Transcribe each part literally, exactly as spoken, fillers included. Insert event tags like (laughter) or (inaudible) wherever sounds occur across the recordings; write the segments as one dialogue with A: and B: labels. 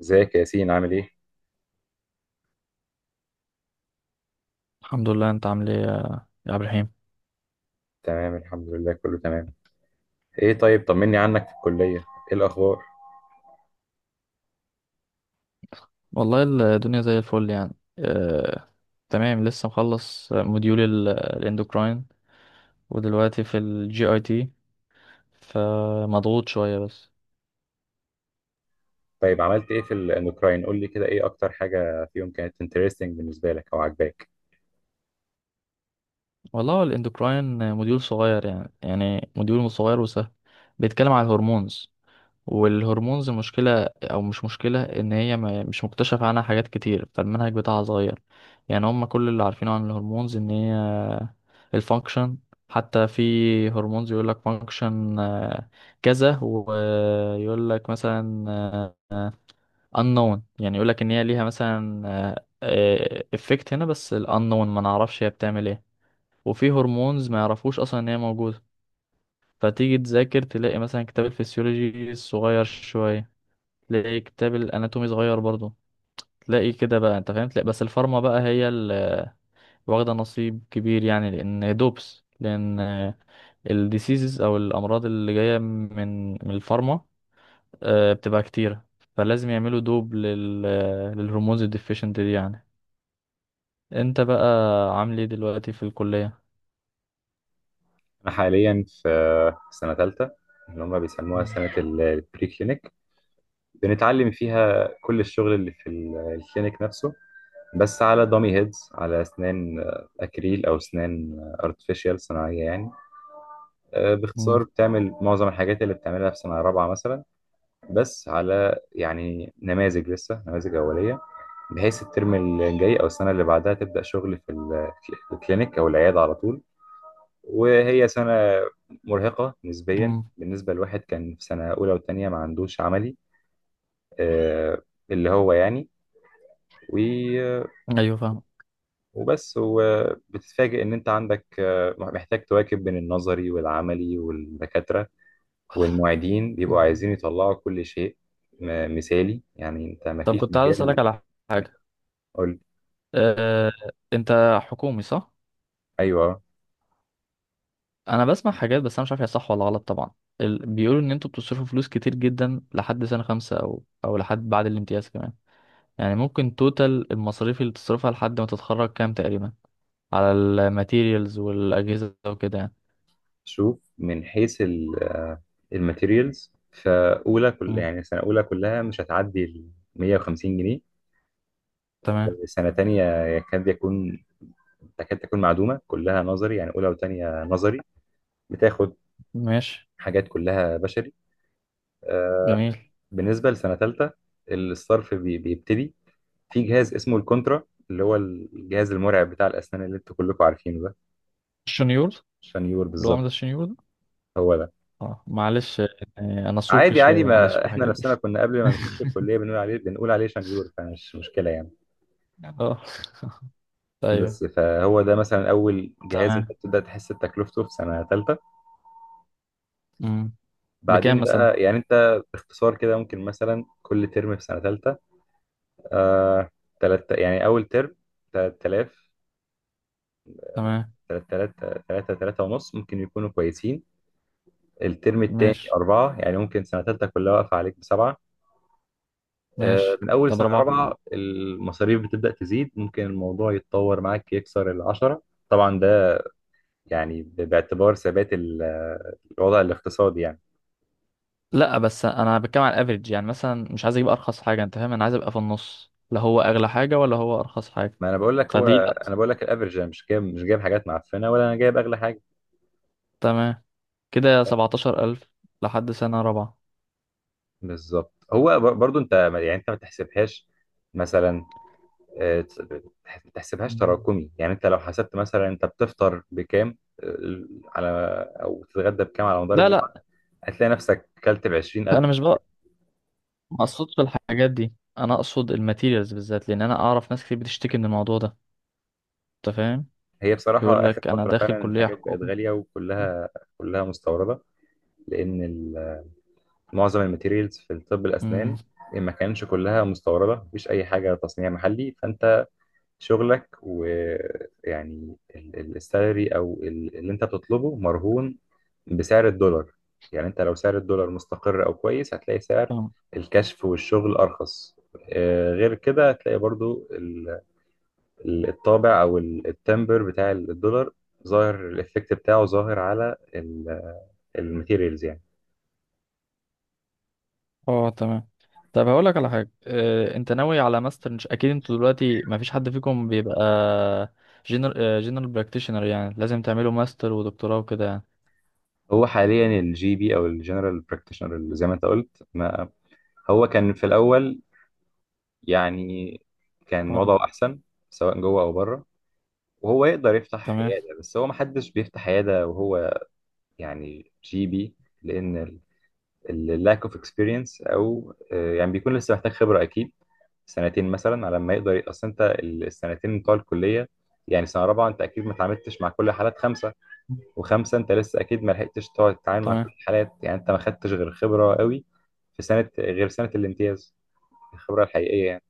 A: ازيك يا ياسين عامل ايه؟
B: الحمد لله. انت عامل ايه يا يا عبد الرحيم؟
A: تمام الحمد لله كله تمام. ايه طيب طمني عنك في الكلية. ايه الاخبار؟
B: والله، الدنيا زي الفل يعني. آه... تمام، لسه مخلص موديول ال- الاندوكراين، ودلوقتي في الجي اي تي، فمضغوط شوية بس.
A: طيب عملت ايه في الاندوكراين؟ قول لي كده، ايه اكتر حاجة فيهم كانت انترستنج بالنسبة لك او عجباك؟
B: والله، هو الاندوكراين موديول صغير يعني يعني موديول صغير وسهل. بيتكلم على الهرمونز. والهرمونز مشكلة أو مش مشكلة إن هي ما- مش مكتشف عنها حاجات كتير، فالمنهج بتاعها صغير. يعني هم كل اللي عارفينه عن الهرمونز إن هي الفانكشن، حتى في هرمونز يقول لك فانكشن كذا، ويقول لك مثلا آه، unknown، يعني يقول لك إن هي ليها مثلا افكت هنا، بس ال unknown ما نعرفش هي بتعمل ايه. وفي هرمونز ما يعرفوش أصلا إن هي موجودة. فتيجي تذاكر تلاقي مثلا كتاب الفسيولوجي صغير شوية، تلاقي كتاب الاناتومي صغير برضه، تلاقي كده بقى انت فاهم. تلاقي بس الفارما بقى هي اللي واخده نصيب كبير يعني، لان دوبس، لان الديسيزز او الامراض اللي جايه من من الفارما آه، بتبقى كتيره. فلازم يعملوا دوب لل للهرمونز الديفيشنت دي يعني. انت بقى عامل ايه دلوقتي في الكليه؟
A: انا حاليا في سنة ثالثة، اللي هم بيسموها
B: مم.
A: سنة البري كلينيك. بنتعلم فيها كل الشغل اللي في ال- الكلينيك نفسه، بس على دامي هيدز، على اسنان اكريل او اسنان ارتفيشال صناعية يعني. آه،
B: مم.
A: باختصار بتعمل معظم الحاجات اللي بتعملها في سنة رابعة مثلا، بس على يعني نماذج، لسه نماذج أولية، بحيث الترم الجاي أو السنة اللي بعدها تبدأ شغل في ال- في الكلينيك أو العيادة على طول. وهي سنة مرهقة نسبيا
B: مم.
A: بالنسبة لواحد كان في سنة أولى وتانية ما عندوش عملي. آه، اللي هو يعني و-
B: ايوه فاهم.
A: وبس، وبتتفاجئ إن أنت عندك، آه، محتاج تواكب بين النظري والعملي، والدكاترة والمعيدين
B: مم.
A: بيبقوا عايزين يطلعوا كل شيء م- مثالي، يعني أنت ما
B: طب
A: فيش
B: كنت عايز اسالك
A: مجال.
B: على حاجه.
A: قول.
B: آه، انت حكومي صح؟
A: ايوه.
B: انا بسمع حاجات بس انا مش عارف هي صح ولا غلط طبعا. ال... بيقولوا ان انتوا بتصرفوا فلوس كتير جدا لحد سنة خمسة او او لحد بعد الامتياز كمان. يعني ممكن توتال المصاريف اللي تصرفها لحد ما تتخرج كام تقريبا، على الماتيريالز والاجهزة وكده يعني؟
A: شوف، من حيث الماتيريالز، فاولى كل
B: مم.
A: يعني سنه اولى كلها مش هتعدي ال مية وخمسين جنيه.
B: تمام.
A: سنه تانية يكاد يكون تكاد تكون معدومه، كلها نظري، يعني اولى وتانية نظري، بتاخد
B: ماشي.
A: حاجات كلها بشري. آه،
B: جميل.
A: بالنسبه لسنه تالتة، الصرف بي- بيبتدي في جهاز اسمه الكونترا، اللي هو الجهاز المرعب بتاع الاسنان اللي انتوا كلكم عارفينه ده.
B: الشنيور. اللي
A: عشان يور
B: هو عامل
A: بالظبط.
B: زي الشنيور ده.
A: هو.
B: اه، معلش يعني انا سوقي
A: عادي عادي،
B: شوية، معلش
A: ما
B: في
A: احنا
B: الحاجات دي.
A: نفسنا كنا قبل ما نخش
B: (laughs)
A: الكليه بنقول عليه بنقول عليه شنيور، فمش مشكله يعني.
B: اه.
A: بس،
B: ايوه.
A: فهو ده مثلا اول جهاز انت
B: تمام.
A: بتبدا تحس بتكلفته في سنه ثالثه.
B: مم. بكام
A: بعدين
B: مثلا؟
A: بقى، يعني انت باختصار كده ممكن مثلا كل ترم في سنه ثالثه، آه، تلت يعني اول ترم تلاتة آلاف،
B: تمام.
A: ثلاثة آلاف، ثلاثة، ثلاثة ونص ممكن يكونوا كويسين. الترم الثاني
B: ماشي.
A: أربعة. يعني ممكن سنة تالتة كلها واقفة عليك بسبعة. آه،
B: ماشي.
A: من أول
B: طب
A: سنة
B: ربعة؟
A: رابعة المصاريف بتبدأ تزيد، ممكن الموضوع يتطور معاك يكسر العشرة. طبعا ده يعني ب- باعتبار ثبات ال- الوضع الاقتصادي يعني.
B: لا، بس انا بتكلم على الافريج يعني، مثلا مش عايز اجيب ارخص حاجه انت فاهم، انا عايز ابقى في النص، لا هو اغلى حاجه ولا هو ارخص حاجه،
A: ما أنا بقول لك، هو
B: فدي
A: أنا
B: لا.
A: بقول لك الأفرج، أنا مش جايب مش جايب حاجات معفنة ولا أنا جايب أغلى حاجة.
B: تمام، كده سبعتاشر ألف لحد سنه رابعه.
A: بالظبط. هو بر- برضو أنت ما- يعني أنت ما تحسبهاش مثلا، آه، تس- ما تحسبهاش
B: مم.
A: تراكمي. يعني أنت لو حسبت مثلا أنت بتفطر بكام، آه، على أو تتغدى بكام على مدار
B: لا،
A: الجامعة،
B: لا،
A: هتلاقي نفسك كلت ب
B: انا
A: عشرين ألف.
B: مش بقى. ما اقصدش الحاجات دي، انا اقصد الماتيريالز بالذات لان انا اعرف ناس كتير بتشتكي من الموضوع ده انت فاهم.
A: هي
B: يقول
A: بصراحة آخر
B: لك انا
A: فترة
B: داخل
A: فعلا
B: كليه
A: الحاجات بقت
B: حكومه.
A: غالية، وكلها كلها مستوردة. لأن ال- معظم الماتيريالز في الطب الأسنان ما كانش كلها مستوردة، مفيش أي حاجة تصنيع محلي. فأنت شغلك، ويعني ال- ال- السالري أو ال- اللي أنت بتطلبه مرهون بسعر الدولار. يعني أنت لو سعر الدولار مستقر أو كويس هتلاقي سعر
B: امم.
A: الكشف والشغل أرخص. آه، غير كده هتلاقي برضو الطابع او ال- التمبر بتاع الدولار ظاهر، الايفكت بتاعه ظاهر على الماتيريالز يعني.
B: اه. تمام. طب هقول لك على حاجه. اه، انت ناوي على ماستر مش اكيد، انتوا دلوقتي ما فيش حد فيكم بيبقى جنرال جنرال براكتيشنر، يعني لازم تعملوا ماستر ودكتوراه وكده يعني؟
A: هو حاليا الجي بي او الجنرال براكتيشنر، اللي زي ما انت قلت، ما هو كان في الاول يعني كان
B: اه.
A: وضعه احسن سواء جوه او بره، وهو يقدر يفتح
B: تمام.
A: عياده، بس هو ما حدش بيفتح عياده وهو يعني جي بي، لان اللاك اوف اكسبيرينس او آه، يعني بيكون لسه محتاج خبره، اكيد سنتين مثلا على ما يقدر. اصل انت السنتين بتوع الكليه، يعني سنه رابعه انت اكيد ما اتعاملتش مع كل حالات خمسه، وخمسه انت لسه اكيد ما لحقتش تقعد تتعامل مع كل
B: تمام.
A: الحالات. يعني انت ما خدتش غير خبره قوي في سنه غير سنه الامتياز، الخبره الحقيقيه يعني.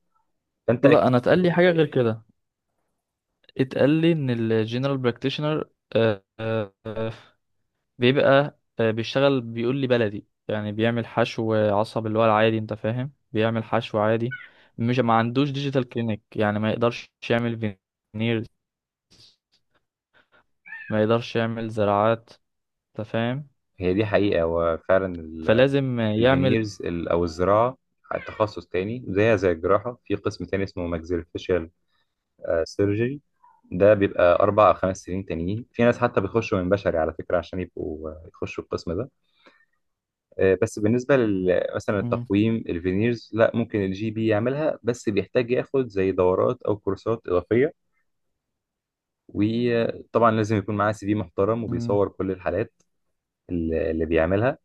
A: فانت
B: لا،
A: اكيد
B: انا
A: مش
B: اتقال لي
A: هتبقى-.
B: حاجه غير كده. اتقال لي ان الجنرال براكتيشنر بيبقى آه، بيشتغل، بيقول لي بلدي، يعني بيعمل حشو عصب اللي هو العادي انت فاهم، بيعمل حشو عادي. مش، ما عندوش ديجيتال كلينيك، يعني ما يقدرش يعمل فينير، ما يقدرش يعمل زراعات انت فاهم،
A: هي دي حقيقه وفعلا.
B: فلازم يعمل.
A: الفينيرز او الزراعه تخصص تاني، زيها زي الجراحه، في قسم تاني اسمه ماكسيلوفيشيال سيرجري، ده بيبقى اربع او خمس سنين تانيين، في ناس حتى بيخشوا من بشري على فكره عشان يبقوا، آه، يخشوا القسم ده. آه، بس بالنسبة لل- مثلا
B: مم.
A: التقويم الفينيرز، لا، ممكن الجي بي يعملها، بس بيحتاج ياخد زي دورات أو كورسات إضافية. وطبعا لازم يكون معاه سي في محترم
B: مم.
A: وبيصور كل الحالات اللي اللي بيعملها.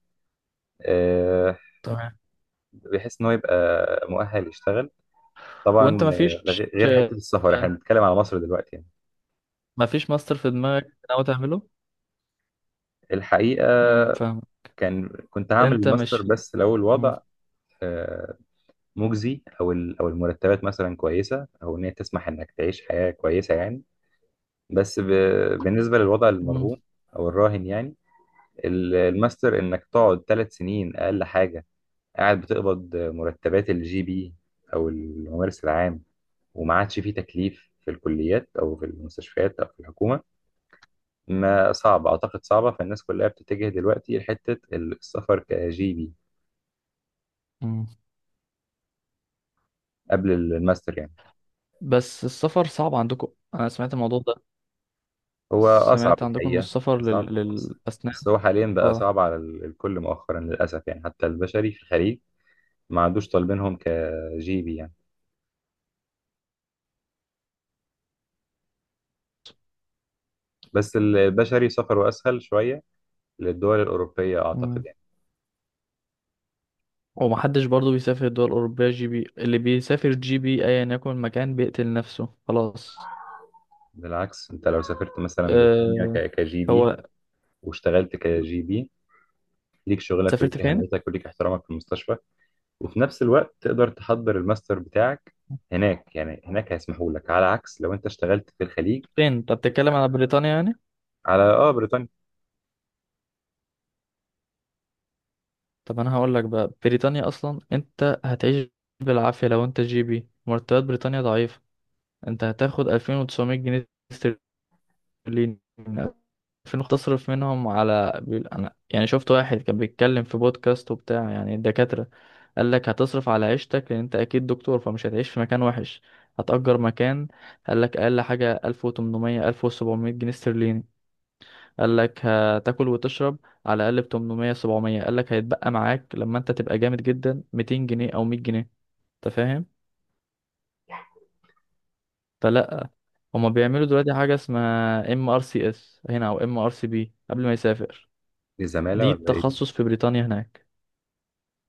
A: آه،
B: تمام.
A: بحيث إن هو يبقى مؤهل يشتغل.
B: وانت
A: طبعا
B: ما
A: آه،
B: فيش
A: ده غير غير حتة السفر، احنا بنتكلم على مصر دلوقتي يعني.
B: ما فيش ماستر في دماغك ناوي تعمله؟
A: الحقيقة
B: امم، فاهم.
A: كان كنت هعمل
B: انت مش
A: الماستر،
B: في...
A: بس لو
B: مم.
A: الوضع آه، مجزي أو ال- أو المرتبات مثلا كويسة، أو إن هي تسمح إنك تعيش حياة كويسة يعني. بس ب... بالنسبة للوضع
B: مم.
A: المرهون أو الراهن يعني، ال- الماستر إنك تقعد ثلاث سنين أقل حاجة، قاعد بتقبض مرتبات الجي بي أو الممارس العام، وما عادش فيه تكليف في الكليات أو في المستشفيات أو في الحكومة. ما صعب، أعتقد صعبة، فالناس كلها بتتجه دلوقتي لحتة السفر كجي بي
B: مم.
A: قبل الماستر يعني.
B: بس السفر صعب عندكم، انا سمعت الموضوع ده.
A: هو أصعب
B: سمعت عندكم ان
A: الحقيقة،
B: السفر
A: أصعب،
B: لل...
A: بس
B: للاسنان.
A: بس هو حاليا بقى
B: اه.
A: صعب على ال- الكل مؤخرا للأسف يعني، حتى البشري في الخليج ما عادوش طالبينهم كجيبي يعني، بس البشري سفره أسهل شوية للدول الأوروبية أعتقد
B: مم.
A: يعني.
B: ومحدش برضو بيسافر الدول الأوروبية جي بي، اللي بيسافر جي بي أيا يكن المكان بيقتل نفسه خلاص.
A: بالعكس أنت لو سافرت مثلا بريطانيا
B: أه...
A: ك- كجي بي
B: هو
A: واشتغلت كجي بي، ليك شغلك
B: سافرت
A: وليك
B: فين؟
A: أهميتك وليك احترامك في المستشفى، وفي نفس الوقت تقدر تحضر الماستر بتاعك هناك يعني. هناك هيسمحوا لك، على عكس لو أنت اشتغلت في الخليج.
B: فين انت بتتكلم، على بريطانيا يعني؟
A: على آه بريطانيا.
B: طب انا هقول لك بقى، بريطانيا اصلا انت هتعيش بالعافيه لو انت جي بي. مرتبات بريطانيا ضعيفه. انت هتاخد ألفين وتسعمية جنيه استرليني، ألفين تصرف منهم على بيقول- انا يعني شفت واحد كان بيتكلم في بودكاست وبتاع يعني الدكاتره. قال لك هتصرف على عيشتك لان انت اكيد دكتور، فمش هتعيش في مكان وحش، هتأجر مكان. قال لك اقل حاجه ألف وتمنمية ألف وسبعمية جنيه استرليني. قال لك هتاكل وتشرب على الاقل ب تمنمية سبعمية. قال لك هيتبقى معاك لما انت تبقى جامد جدا ميتين جنيه او مية جنيه انت فاهم. فلا. هما بيعملوا دلوقتي حاجه اسمها ام ار سي اس هنا، او ام ار سي بي قبل ما يسافر.
A: دي زمالة
B: دي
A: ولا إيه دي؟
B: التخصص في بريطانيا هناك.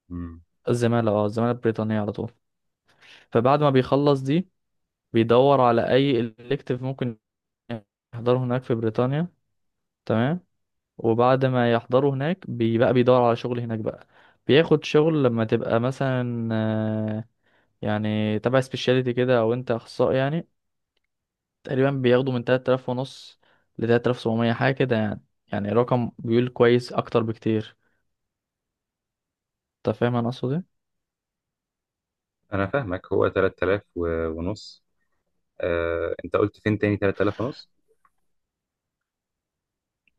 A: مم.
B: الزماله، اه الزماله البريطانيه على طول. فبعد ما بيخلص دي، بيدور على اي الكتيف ممكن يحضره هناك في بريطانيا. تمام. وبعد ما يحضروا هناك بيبقى بيدور على شغل هناك بقى. بياخد شغل لما تبقى مثلا آه، يعني تبع سبيشاليتي كده، او انت اخصائي يعني. تقريبا بياخدوا من تلاتة آلاف ونص ل تلاتة آلاف وسبعمية حاجه كده يعني. يعني رقم بيقول كويس اكتر بكتير، انت فاهم انا اقصد ايه.
A: أنا فاهمك. هو ثلاثة آلاف و- ونص، آه، أنت قلت فين تاني تلاتة آلاف ونص؟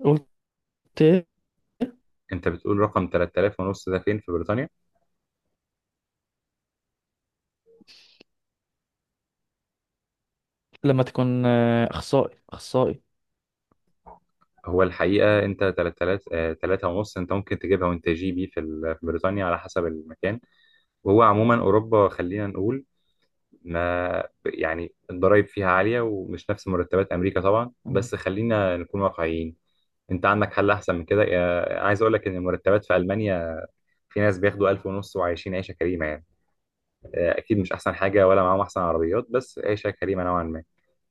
B: قلت. إيه؟
A: انت بتقول رقم تلاتة آلاف ونص ده فين في بريطانيا؟
B: لما تكون آه، اخصائي اخصائي.
A: هو الحقيقه انت ثلاثة آلاف، آه، تلاتة ونص انت ممكن تجيبها وانت جي بي في ال- في بريطانيا على حسب المكان. وهو عموما اوروبا خلينا نقول، ما يعني الضرايب فيها عاليه ومش نفس مرتبات امريكا طبعا،
B: مم.
A: بس خلينا نكون واقعيين. انت عندك حل احسن من كده، آه، عايز اقول لك ان المرتبات في المانيا، في ناس بياخدوا ألف ونص وعايشين عيشه كريمه يعني. آه، اكيد مش احسن حاجه ولا معاهم احسن عربيات، بس عيشه كريمه نوعا ما.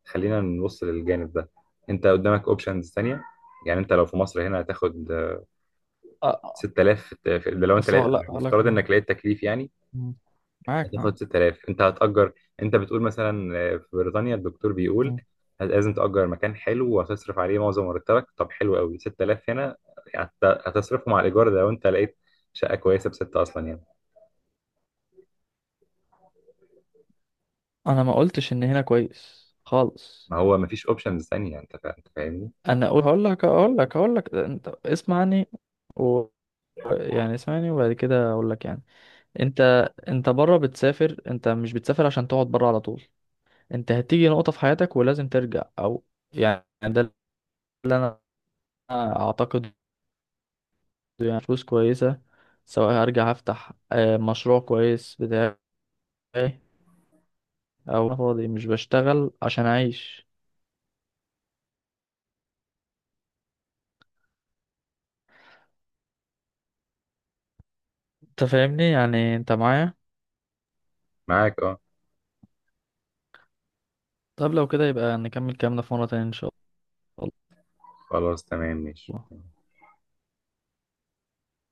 A: خلينا نبص للجانب ده، انت قدامك اوبشنز تانية. يعني انت لو في مصر هنا هتاخد آه،
B: أ-
A: ستة آلاف في الت- في- ده لو انت لقيت،
B: اصل لا، لا،
A: بافتراض
B: كمان.
A: انك لقيت تكليف يعني.
B: مم. معاك،
A: هتاخد
B: معاك.
A: ستة آلاف، انت هتأجر. انت بتقول مثلا آه، في بريطانيا الدكتور بيقول
B: مم.
A: هت- لازم تأجر مكان حلو وهتصرف عليه معظم مرتبك. طب حلو قوي ستة آلاف هنا هت- هتصرفه مع الإيجار، ده لو انت لقيت شقة كويسة بستة أصلا يعني.
B: انا ما قلتش ان هنا كويس خالص،
A: ما هو مفيش اوبشنز تانية، انت فا- انت فاهمني.
B: انا اقول. هقول لك هقول لك هقول لك انت اسمعني، و، يعني اسمعني وبعد كده اقول لك يعني. انت انت بره بتسافر، انت مش بتسافر عشان تقعد بره على طول. انت هتيجي نقطة في حياتك ولازم ترجع او يعني، ده اللي انا اعتقد يعني، فلوس كويسة. سواء هرجع هفتح آه، مشروع كويس بتاعي، او أنا فاضي مش بشتغل عشان اعيش. انت فاهمني، يعني انت معايا؟
A: معاك اه.
B: طب لو كده يبقى نكمل كلامنا في مرة تانية ان شاء
A: خلاص تمام ماشي.
B: الله.